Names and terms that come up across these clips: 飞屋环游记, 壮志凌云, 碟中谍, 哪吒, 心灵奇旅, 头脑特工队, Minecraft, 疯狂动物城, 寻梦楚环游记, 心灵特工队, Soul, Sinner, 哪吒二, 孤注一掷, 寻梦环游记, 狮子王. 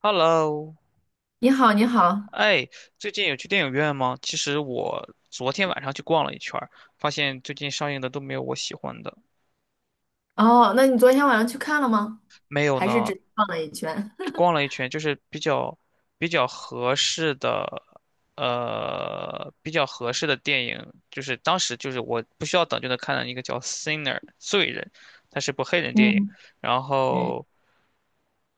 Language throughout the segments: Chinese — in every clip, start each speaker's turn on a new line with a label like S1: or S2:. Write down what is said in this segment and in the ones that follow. S1: Hello，
S2: 你好，你好，
S1: 哎，最近有去电影院吗？其实我昨天晚上去逛了一圈儿，发现最近上映的都没有我喜欢的。
S2: 哦，那你昨天晚上去看了吗？
S1: 没有
S2: 还是
S1: 呢，
S2: 只逛了一圈？
S1: 去逛 了一圈，就是比较合适的，比较合适的电影，就是当时就是我不需要等就能看的一个叫《Sinner》罪人，它是部黑人电影，
S2: 嗯
S1: 然
S2: 嗯
S1: 后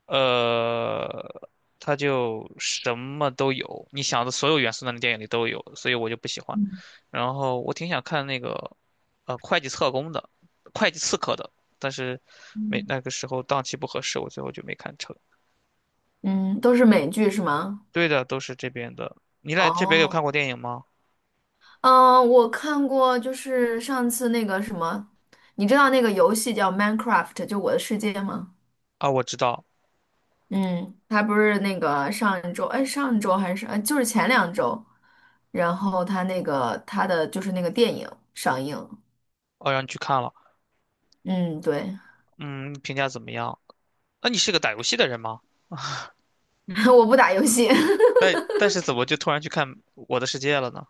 S1: 呃，它就什么都有，你想的所有元素那个电影里都有，所以我就不喜欢。
S2: 嗯
S1: 然后我挺想看那个，会计特工的，会计刺客的，但是没
S2: 嗯
S1: 那个时候档期不合适，我最后就没看成。
S2: 嗯，都是美剧是吗？
S1: 对的，都是这边的。你来这边有看
S2: 哦，
S1: 过电影吗？
S2: 嗯，我看过，就是上次那个什么，你知道那个游戏叫《Minecraft》，就我的世界吗？
S1: 啊，我知道，
S2: 嗯，它不是那个上一周，哎，上周还是哎，就是前2周，然后它那个它的就是那个电影上映，
S1: 哦，让你去看了。
S2: 嗯，对，
S1: 嗯，评价怎么样？那你是个打游戏的人吗？
S2: 我不打游戏，
S1: 但是怎么就突然去看《我的世界》了呢？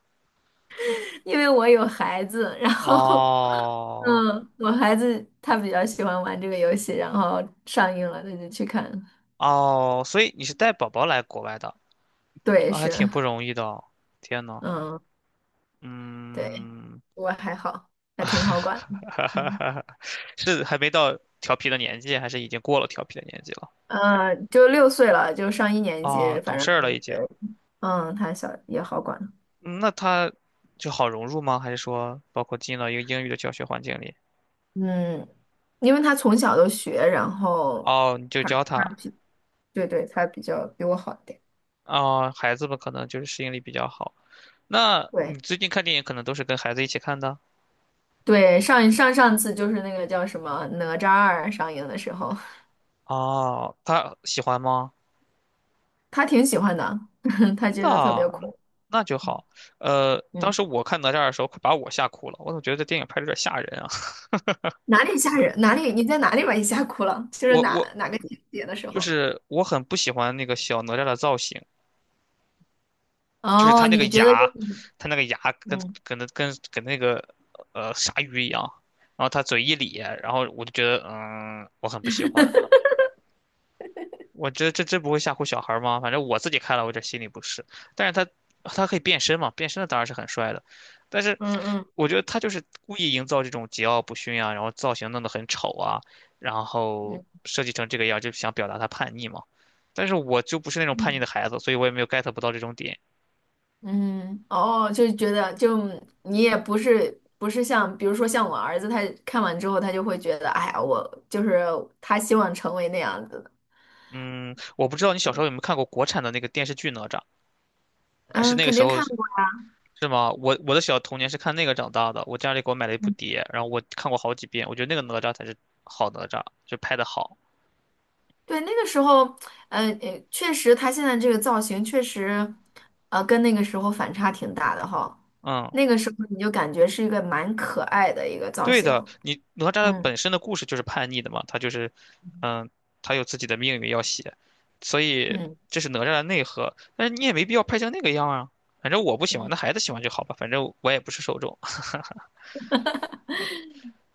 S2: 因为我有孩子，然后
S1: 哦，
S2: 嗯，我孩子他比较喜欢玩这个游戏，然后上映了他就去看。
S1: 哦，所以你是带宝宝来国外的，
S2: 对，
S1: 那还挺
S2: 是，
S1: 不容易的哦。天呐，
S2: 嗯，对，
S1: 嗯，
S2: 我还好，还挺好 管的。
S1: 哈哈
S2: 嗯，
S1: 哈哈是还没到调皮的年纪，还是已经过了调皮的年纪了？
S2: 呃就6岁了，就上一年
S1: 哦，
S2: 级，反
S1: 懂事儿了
S2: 正
S1: 已
S2: 对。
S1: 经。
S2: 嗯，他小也好管。
S1: 嗯那他就好融入吗？还是说包括进了一个英语的教学环境里？
S2: 嗯，因为他从小都学，然后
S1: 哦，你就
S2: 他
S1: 教
S2: 他
S1: 他。
S2: 比对对，他比较比我好一点。
S1: 哦，孩子们可能就是适应力比较好。那你
S2: 对
S1: 最近看电影可能都是跟孩子一起看的？
S2: 对，上次就是那个叫什么《哪吒二》上映的时候。
S1: 哦，他喜欢吗？
S2: 他挺喜欢的，他觉得特
S1: 那
S2: 别酷。
S1: 那就好。当
S2: 嗯，
S1: 时我看哪吒的时候，快把我吓哭了。我总觉得这电影拍的有点吓人啊。
S2: 哪里吓人？哪里？你在哪里把你吓哭了？就是
S1: 我
S2: 哪
S1: 我
S2: 哪个情节的时
S1: 就
S2: 候？
S1: 是我很不喜欢那个小哪吒的造型，就是他
S2: 哦，
S1: 那个
S2: 你觉得
S1: 牙，
S2: 就
S1: 他那个牙跟
S2: 嗯
S1: 跟那跟跟那个鲨鱼一样，然后他嘴一咧，然后我就觉得嗯，我很不喜欢。我这真不会吓唬小孩儿吗？反正我自己看了，我有点心里不适。但是他他可以变身嘛，变身的当然是很帅的。但是
S2: 嗯嗯
S1: 我觉得他就是故意营造这种桀骜不驯啊，然后造型弄得很丑啊，然后
S2: 嗯
S1: 设计成这个样儿，就想表达他叛逆嘛。但是我就不是那种叛逆
S2: 嗯
S1: 的孩子，所以我也没有 get 不到这种点。
S2: 嗯，哦，就是觉得就你也不是像，比如说像我儿子，他看完之后，他就会觉得，哎呀，我就是他希望成为那样子的。
S1: 嗯，我不知道你小时候有没有看过国产的那个电视剧《哪吒》，还是
S2: 嗯，
S1: 那个
S2: 肯
S1: 时
S2: 定
S1: 候
S2: 看过。
S1: 是吗？我的小童年是看那个长大的，我家里给我买了一部碟，然后我看过好几遍，我觉得那个哪吒才是好哪吒，就拍的好。
S2: 对，那个时候，嗯，确实，他现在这个造型确实，跟那个时候反差挺大的哈。
S1: 嗯，
S2: 那个时候你就感觉是一个蛮可爱的一个造
S1: 对
S2: 型。
S1: 的，你哪吒的
S2: 嗯
S1: 本身的故事就是叛逆的嘛，他就是，嗯，他有自己的命运要写，所以
S2: 嗯
S1: 这是哪吒的内核。但是你也没必要拍成那个样啊，反正我不喜欢，
S2: 嗯。
S1: 那孩子喜欢就好吧，反正我也不是受众。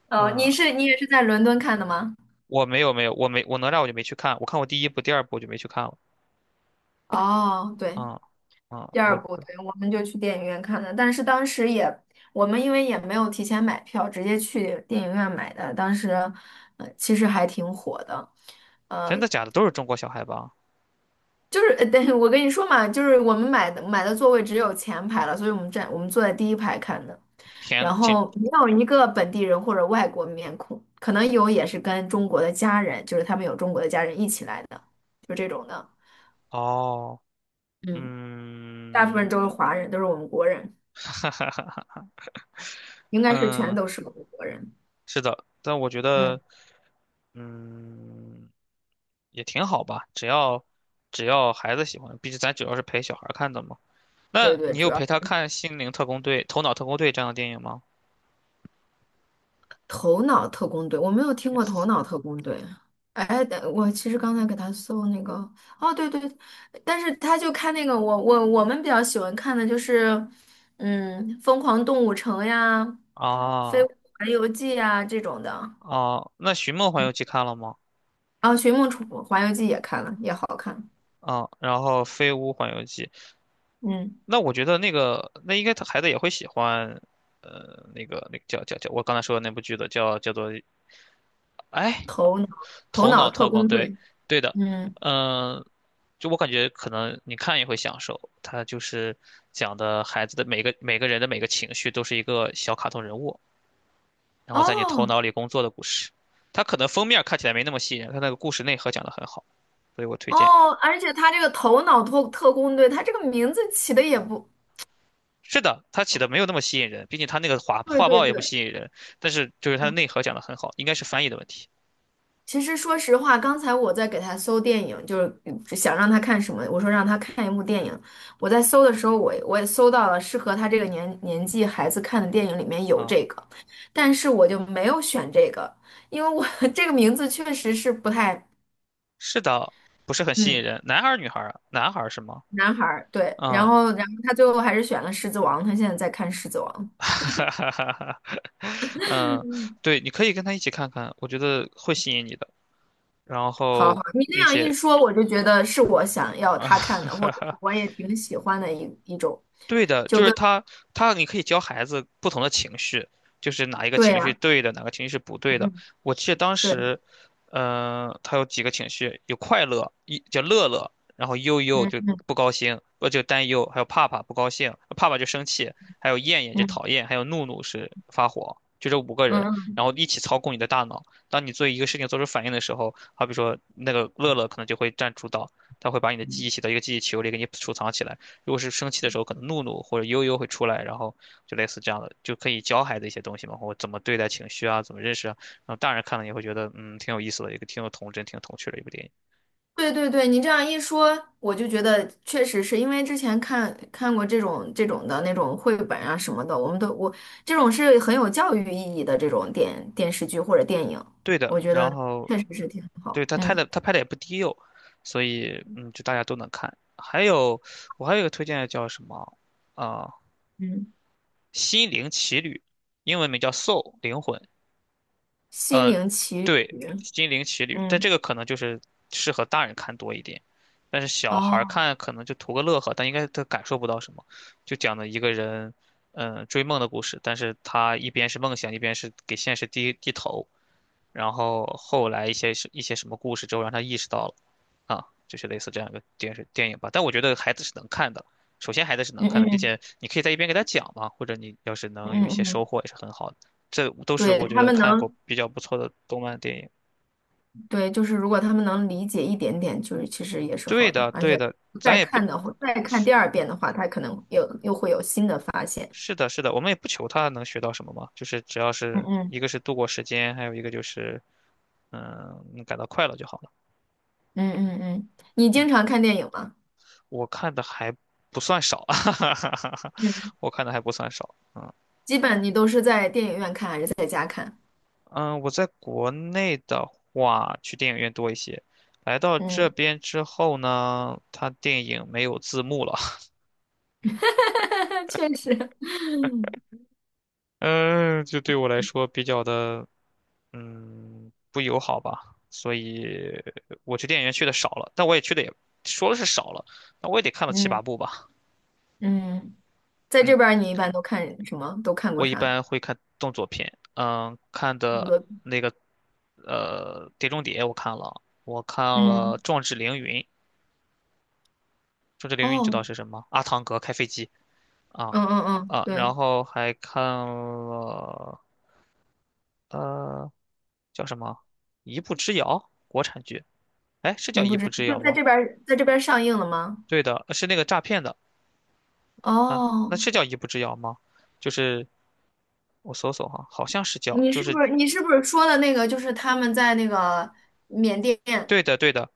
S2: 哦，
S1: 嗯，
S2: 你也是在伦敦看的吗？
S1: 我没有没有，我没我哪吒我就没去看，我看过第一部、第二部我就没去看了。
S2: 哦，对，
S1: 嗯嗯，
S2: 第二
S1: 我
S2: 部，对，我们就去电影院看的，但是当时也，我们因为也没有提前买票，直接去电影院买的，当时，其实还挺火的。
S1: 真
S2: 呃。
S1: 的假的都是中国小孩吧？
S2: 就是，等我跟你说嘛，就是我们买的座位只有前排了，所以我们坐在第1排看的，
S1: 天
S2: 然
S1: 呐，请
S2: 后没有一个本地人或者外国面孔，可能有也是跟中国的家人，就是他们有中国的家人一起来的，就这种的，
S1: 哦，
S2: 嗯，大部分
S1: 嗯，
S2: 都是华人，都是我们国人，
S1: 哈哈哈哈，
S2: 应该是全
S1: 嗯，
S2: 都是我们国人，
S1: 是的，但我觉
S2: 嗯，
S1: 得，嗯，也挺好吧，只要只要孩子喜欢，毕竟咱主要是陪小孩儿看的嘛。
S2: 对
S1: 那
S2: 对，
S1: 你
S2: 主
S1: 有
S2: 要。
S1: 陪他看《心灵特工队》《头脑特工队》这样的电影吗
S2: 头脑特工队，我没有听过头
S1: ？Yes。
S2: 脑特工队。哎，但我其实刚才给他搜那个，哦，对对，但是他就看那个，我们比较喜欢看的就是，嗯，《疯狂动物城》呀，《飞屋
S1: 啊
S2: 环游记》呀这种的。
S1: 啊，那《寻梦环
S2: 嗯，
S1: 游记》看了吗？
S2: 啊，《寻梦楚环游记》也看了，也好看。
S1: 啊，然后《飞屋环游记》，
S2: 嗯，
S1: 那我觉得那个那应该他孩子也会喜欢，那个那个叫，我刚才说的那部剧的叫做哎。
S2: 头脑头
S1: 头脑
S2: 脑特
S1: 特工，
S2: 工
S1: 队，
S2: 队。
S1: 对的，
S2: 嗯，
S1: 嗯，就我感觉可能你看也会享受，他就是讲的孩子的每个人的每个情绪都是一个小卡通人物，然后在你头
S2: 哦
S1: 脑里工作的故事。它可能封面看起来没那么吸引人，它那个故事内核讲得很好，所以我推荐。
S2: 哦，而且他这个头脑特工队，他这个名字起的也不
S1: 是的，它起的没有那么吸引人，毕竟它那个画
S2: 对，
S1: 画
S2: 对
S1: 报也不
S2: 对。
S1: 吸引人，但是就是它的
S2: 嗯。
S1: 内核讲得很好，应该是翻译的问题
S2: 其实说实话，刚才我在给他搜电影，就是嗯想让他看什么，我说让他看一部电影。我在搜的时候，我也搜到了适合他这个年纪孩子看的电影，里面有这
S1: 啊。
S2: 个，但是我就没有选这个，因为我 这个名字确实是不太，
S1: 是的，不是很吸引
S2: 嗯，
S1: 人，男孩儿女孩儿啊？男孩儿是吗？
S2: 男孩儿，对。然
S1: 嗯，
S2: 后，然后他最后还是选了《狮子王》，他现在在看《狮子王》。
S1: 哈哈哈哈。嗯，对，你可以跟他一起看看，我觉得会吸引你的。然
S2: 好好，
S1: 后，
S2: 你那
S1: 并
S2: 样一
S1: 且
S2: 说，我就觉得是我想要
S1: 啊，
S2: 他看的，或者是 我也挺喜欢的一种，
S1: 对的，
S2: 就
S1: 就是
S2: 跟
S1: 他，他你可以教孩子不同的情绪，就是哪一个
S2: 对
S1: 情绪是
S2: 呀、
S1: 对的，哪个情绪是不对的。
S2: 嗯，
S1: 我记得当
S2: 对。
S1: 时，嗯、他有几个情绪，有快乐，一叫乐乐，然后悠悠就
S2: 嗯
S1: 不高兴，就担忧，还有怕怕不高兴，怕怕就生气，还有厌厌就
S2: 嗯
S1: 讨厌，还有怒怒是发火，就这五个
S2: 嗯
S1: 人，
S2: 嗯，
S1: 然后一起操控你的大脑。当你做一个事情做出反应的时候，好比说那个乐乐可能就会占主导，他会把你的记忆写到一个记忆球里，给你储藏起来。如果是生气的时候，可能怒怒或者悠悠会出来，然后就类似这样的，就可以教孩子一些东西嘛，或怎么对待情绪啊，怎么认识啊。然后大人看了也会觉得，嗯，挺有意思的，一个挺有童真、挺有童趣的一部电影。
S2: 对对对，你这样一说，我就觉得确实是因为之前看过这种的那种绘本啊什么的，我们都我这种是很有教育意义的这种电视剧或者电影，
S1: 对的，
S2: 我觉
S1: 然
S2: 得
S1: 后
S2: 确实是挺
S1: 对
S2: 好。
S1: 他拍
S2: 嗯
S1: 的，他拍的也不低幼，所以嗯，就大家都能看。还有我还有一个推荐的叫什么啊，
S2: 嗯，
S1: 心灵奇旅》，英文名叫《Soul》灵魂，
S2: 心
S1: 呃，
S2: 灵奇
S1: 对，
S2: 旅，
S1: 《心灵奇旅》，但
S2: 嗯
S1: 这个可能就是适合大人看多一点，但是小孩儿
S2: 哦，
S1: 看可能就图个乐呵，但应该他感受不到什么。就讲的一个人，嗯、追梦的故事，但是他一边是梦想，一边是给现实低低头，然后后来一些什么故事之后，让他意识到了，啊，就是类似这样一个电视电影吧。但我觉得孩子是能看的，首先孩子是
S2: 嗯
S1: 能看的，并
S2: 嗯
S1: 且你可以在一边给他讲嘛，或者你要是
S2: 嗯
S1: 能有一些
S2: 嗯
S1: 收
S2: 嗯，
S1: 获也是很好的。这都是
S2: 对
S1: 我觉
S2: 他
S1: 得
S2: 们
S1: 看过
S2: 能
S1: 比较不错的动漫电影。
S2: 对，就是如果他们能理解一点点，就是其实也是
S1: 对
S2: 好的，
S1: 的，
S2: 而
S1: 对
S2: 且
S1: 的，咱
S2: 再
S1: 也不
S2: 看
S1: 是
S2: 的话，再看第2遍的话，他可能又会有新的发现。
S1: 是的，是的，我们也不求他能学到什么嘛，就是只要
S2: 嗯
S1: 是
S2: 嗯
S1: 一个是度过时间，还有一个就是嗯感到快乐就好。了。
S2: 嗯嗯嗯，你经常看电影吗？
S1: 我看的还不算少，
S2: 嗯，
S1: 我看的还不算少。嗯
S2: 基本你都是在电影院看还是在家看？
S1: 嗯，我在国内的话，去电影院多一些。来到这
S2: 嗯，
S1: 边之后呢，它电影没有字幕了，
S2: 确实，
S1: 嗯，就对我来说比较的，嗯，不友好吧。所以我去电影院去的少了，但我也去的也说的是少了，那我也得看到七八
S2: 嗯
S1: 部吧。
S2: 嗯，在这
S1: 嗯。
S2: 边儿你一般都看什么？都看过
S1: 我一
S2: 啥？
S1: 般会看动作片，嗯，看
S2: 那
S1: 的
S2: 个，
S1: 那个《碟中谍》我看了，我看了
S2: 嗯，
S1: 《壮志凌云》，《壮志凌云》你知
S2: 哦，
S1: 道是什么？阿汤哥开飞机啊
S2: 嗯嗯嗯，
S1: 啊，
S2: 对，
S1: 然后还看了呃叫什么《一步之遥》国产剧，哎是叫
S2: 你不
S1: 《一步
S2: 知
S1: 之
S2: 就
S1: 遥》
S2: 在
S1: 吗？
S2: 这边儿，在这边儿上映了吗？
S1: 对的，是那个诈骗的啊，那
S2: 哦，
S1: 是叫《一步之遥》吗？就是我搜搜哈，好像是叫，
S2: 你
S1: 就
S2: 是不
S1: 是
S2: 是你是不是说的那个就是他们在那个缅甸？
S1: 对的对的，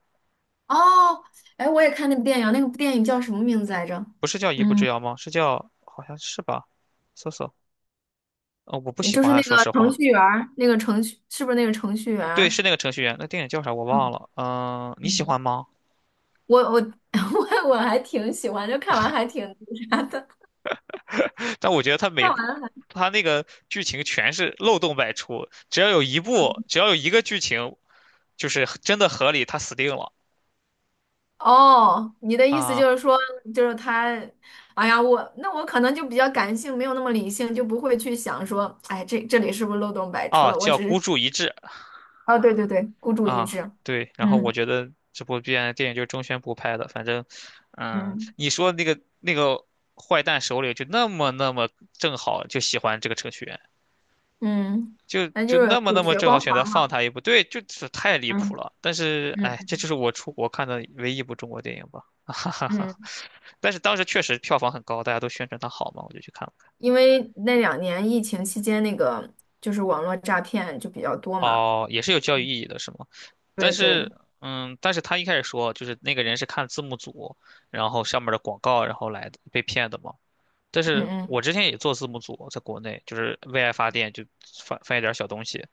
S2: 哦，哎，我也看那部电影，那个电影叫什么名字来着？
S1: 不是叫一步之
S2: 嗯。
S1: 遥吗？是叫好像是吧？搜索，我不喜
S2: 就
S1: 欢
S2: 是
S1: 啊，
S2: 那
S1: 说
S2: 个
S1: 实
S2: 程
S1: 话。
S2: 序员儿，那个程序是不是那个程序员
S1: 对，
S2: 儿。
S1: 是那个程序员，那电影叫啥我忘
S2: 嗯
S1: 了。嗯、你喜
S2: 嗯，
S1: 欢吗？
S2: 我 我还挺喜欢，就看完还挺
S1: 但我觉得他
S2: 看
S1: 每部
S2: 完。
S1: 他那个剧情全是漏洞百出，只要有一部，只要有一个剧情，就是真的合理，他死定了
S2: 哦，你的意思就是
S1: 啊！
S2: 说，就是他，哎呀，我那我可能就比较感性，没有那么理性，就不会去想说，哎，这里是不是漏洞百出
S1: 哦，
S2: 了？我
S1: 叫
S2: 只是，
S1: 孤注一掷。
S2: 哦，对对对，孤注一
S1: 啊，
S2: 掷。
S1: 对，然后我
S2: 嗯
S1: 觉得这部片电影就是中宣部拍的，反正，嗯，
S2: 嗯
S1: 你说那个那个坏蛋首领就那么正好就喜欢这个程序员，
S2: 嗯，
S1: 就
S2: 那
S1: 就
S2: 就是
S1: 那么
S2: 主
S1: 那么
S2: 角
S1: 正好
S2: 光
S1: 选
S2: 环
S1: 择放
S2: 嘛。
S1: 他一部，对，就是太离谱
S2: 嗯
S1: 了。但是，
S2: 嗯
S1: 哎，这
S2: 嗯。
S1: 就是我出国看的唯一一部中国电影吧，哈哈哈。
S2: 嗯。
S1: 但是当时确实票房很高，大家都宣传它好嘛，我就去看了。
S2: 因为那2年疫情期间，那个就是网络诈骗就比较多嘛。
S1: 哦，也是有教育意义的，是吗？但
S2: 对对，
S1: 是，嗯，但是他一开始说，就是那个人是看字幕组，然后上面的广告，然后来的被骗的嘛。但
S2: 嗯
S1: 是
S2: 嗯
S1: 我之前也做字幕组，在国内就是为爱发电，就翻翻一点小东西，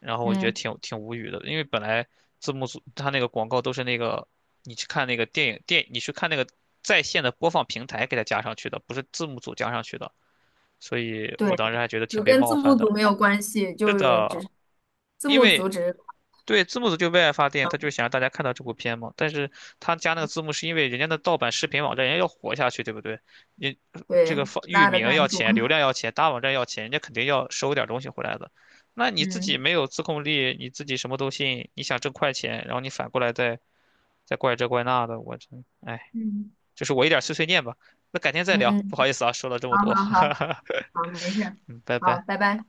S1: 然后我就觉得
S2: 嗯，
S1: 挺无语的，因为本来字幕组他那个广告都是那个，你去看那个电影电，你去看那个在线的播放平台给它加上去的，不是字幕组加上去的，所以我
S2: 对，
S1: 当时还觉得挺
S2: 就
S1: 被
S2: 跟字
S1: 冒
S2: 幕
S1: 犯
S2: 组
S1: 的。
S2: 没有关系，
S1: 是
S2: 就是只是
S1: 的，
S2: 字
S1: 因
S2: 幕组
S1: 为
S2: 只是
S1: 对，字幕组就为爱发电，他就想让大家看到这部片嘛。但是他加那个字幕是因为人家的盗版视频网站，人家要活下去，对不对？你这个
S2: 对
S1: 放域
S2: 拉的
S1: 名
S2: 赞
S1: 要
S2: 助。
S1: 钱，流量要钱，大网站要钱，人家肯定要收点东西回来的。那你自己
S2: 嗯
S1: 没有自控力，你自己什么都信，你想挣快钱，然后你反过来再再怪这怪那的，我真，哎，
S2: 嗯
S1: 就是我一点碎碎念吧。那改天再
S2: 嗯
S1: 聊，不
S2: 嗯，
S1: 好意思啊，说了这么
S2: 好
S1: 多，
S2: 好好好，没事儿
S1: 嗯，拜
S2: 好，拜
S1: 拜。
S2: 拜。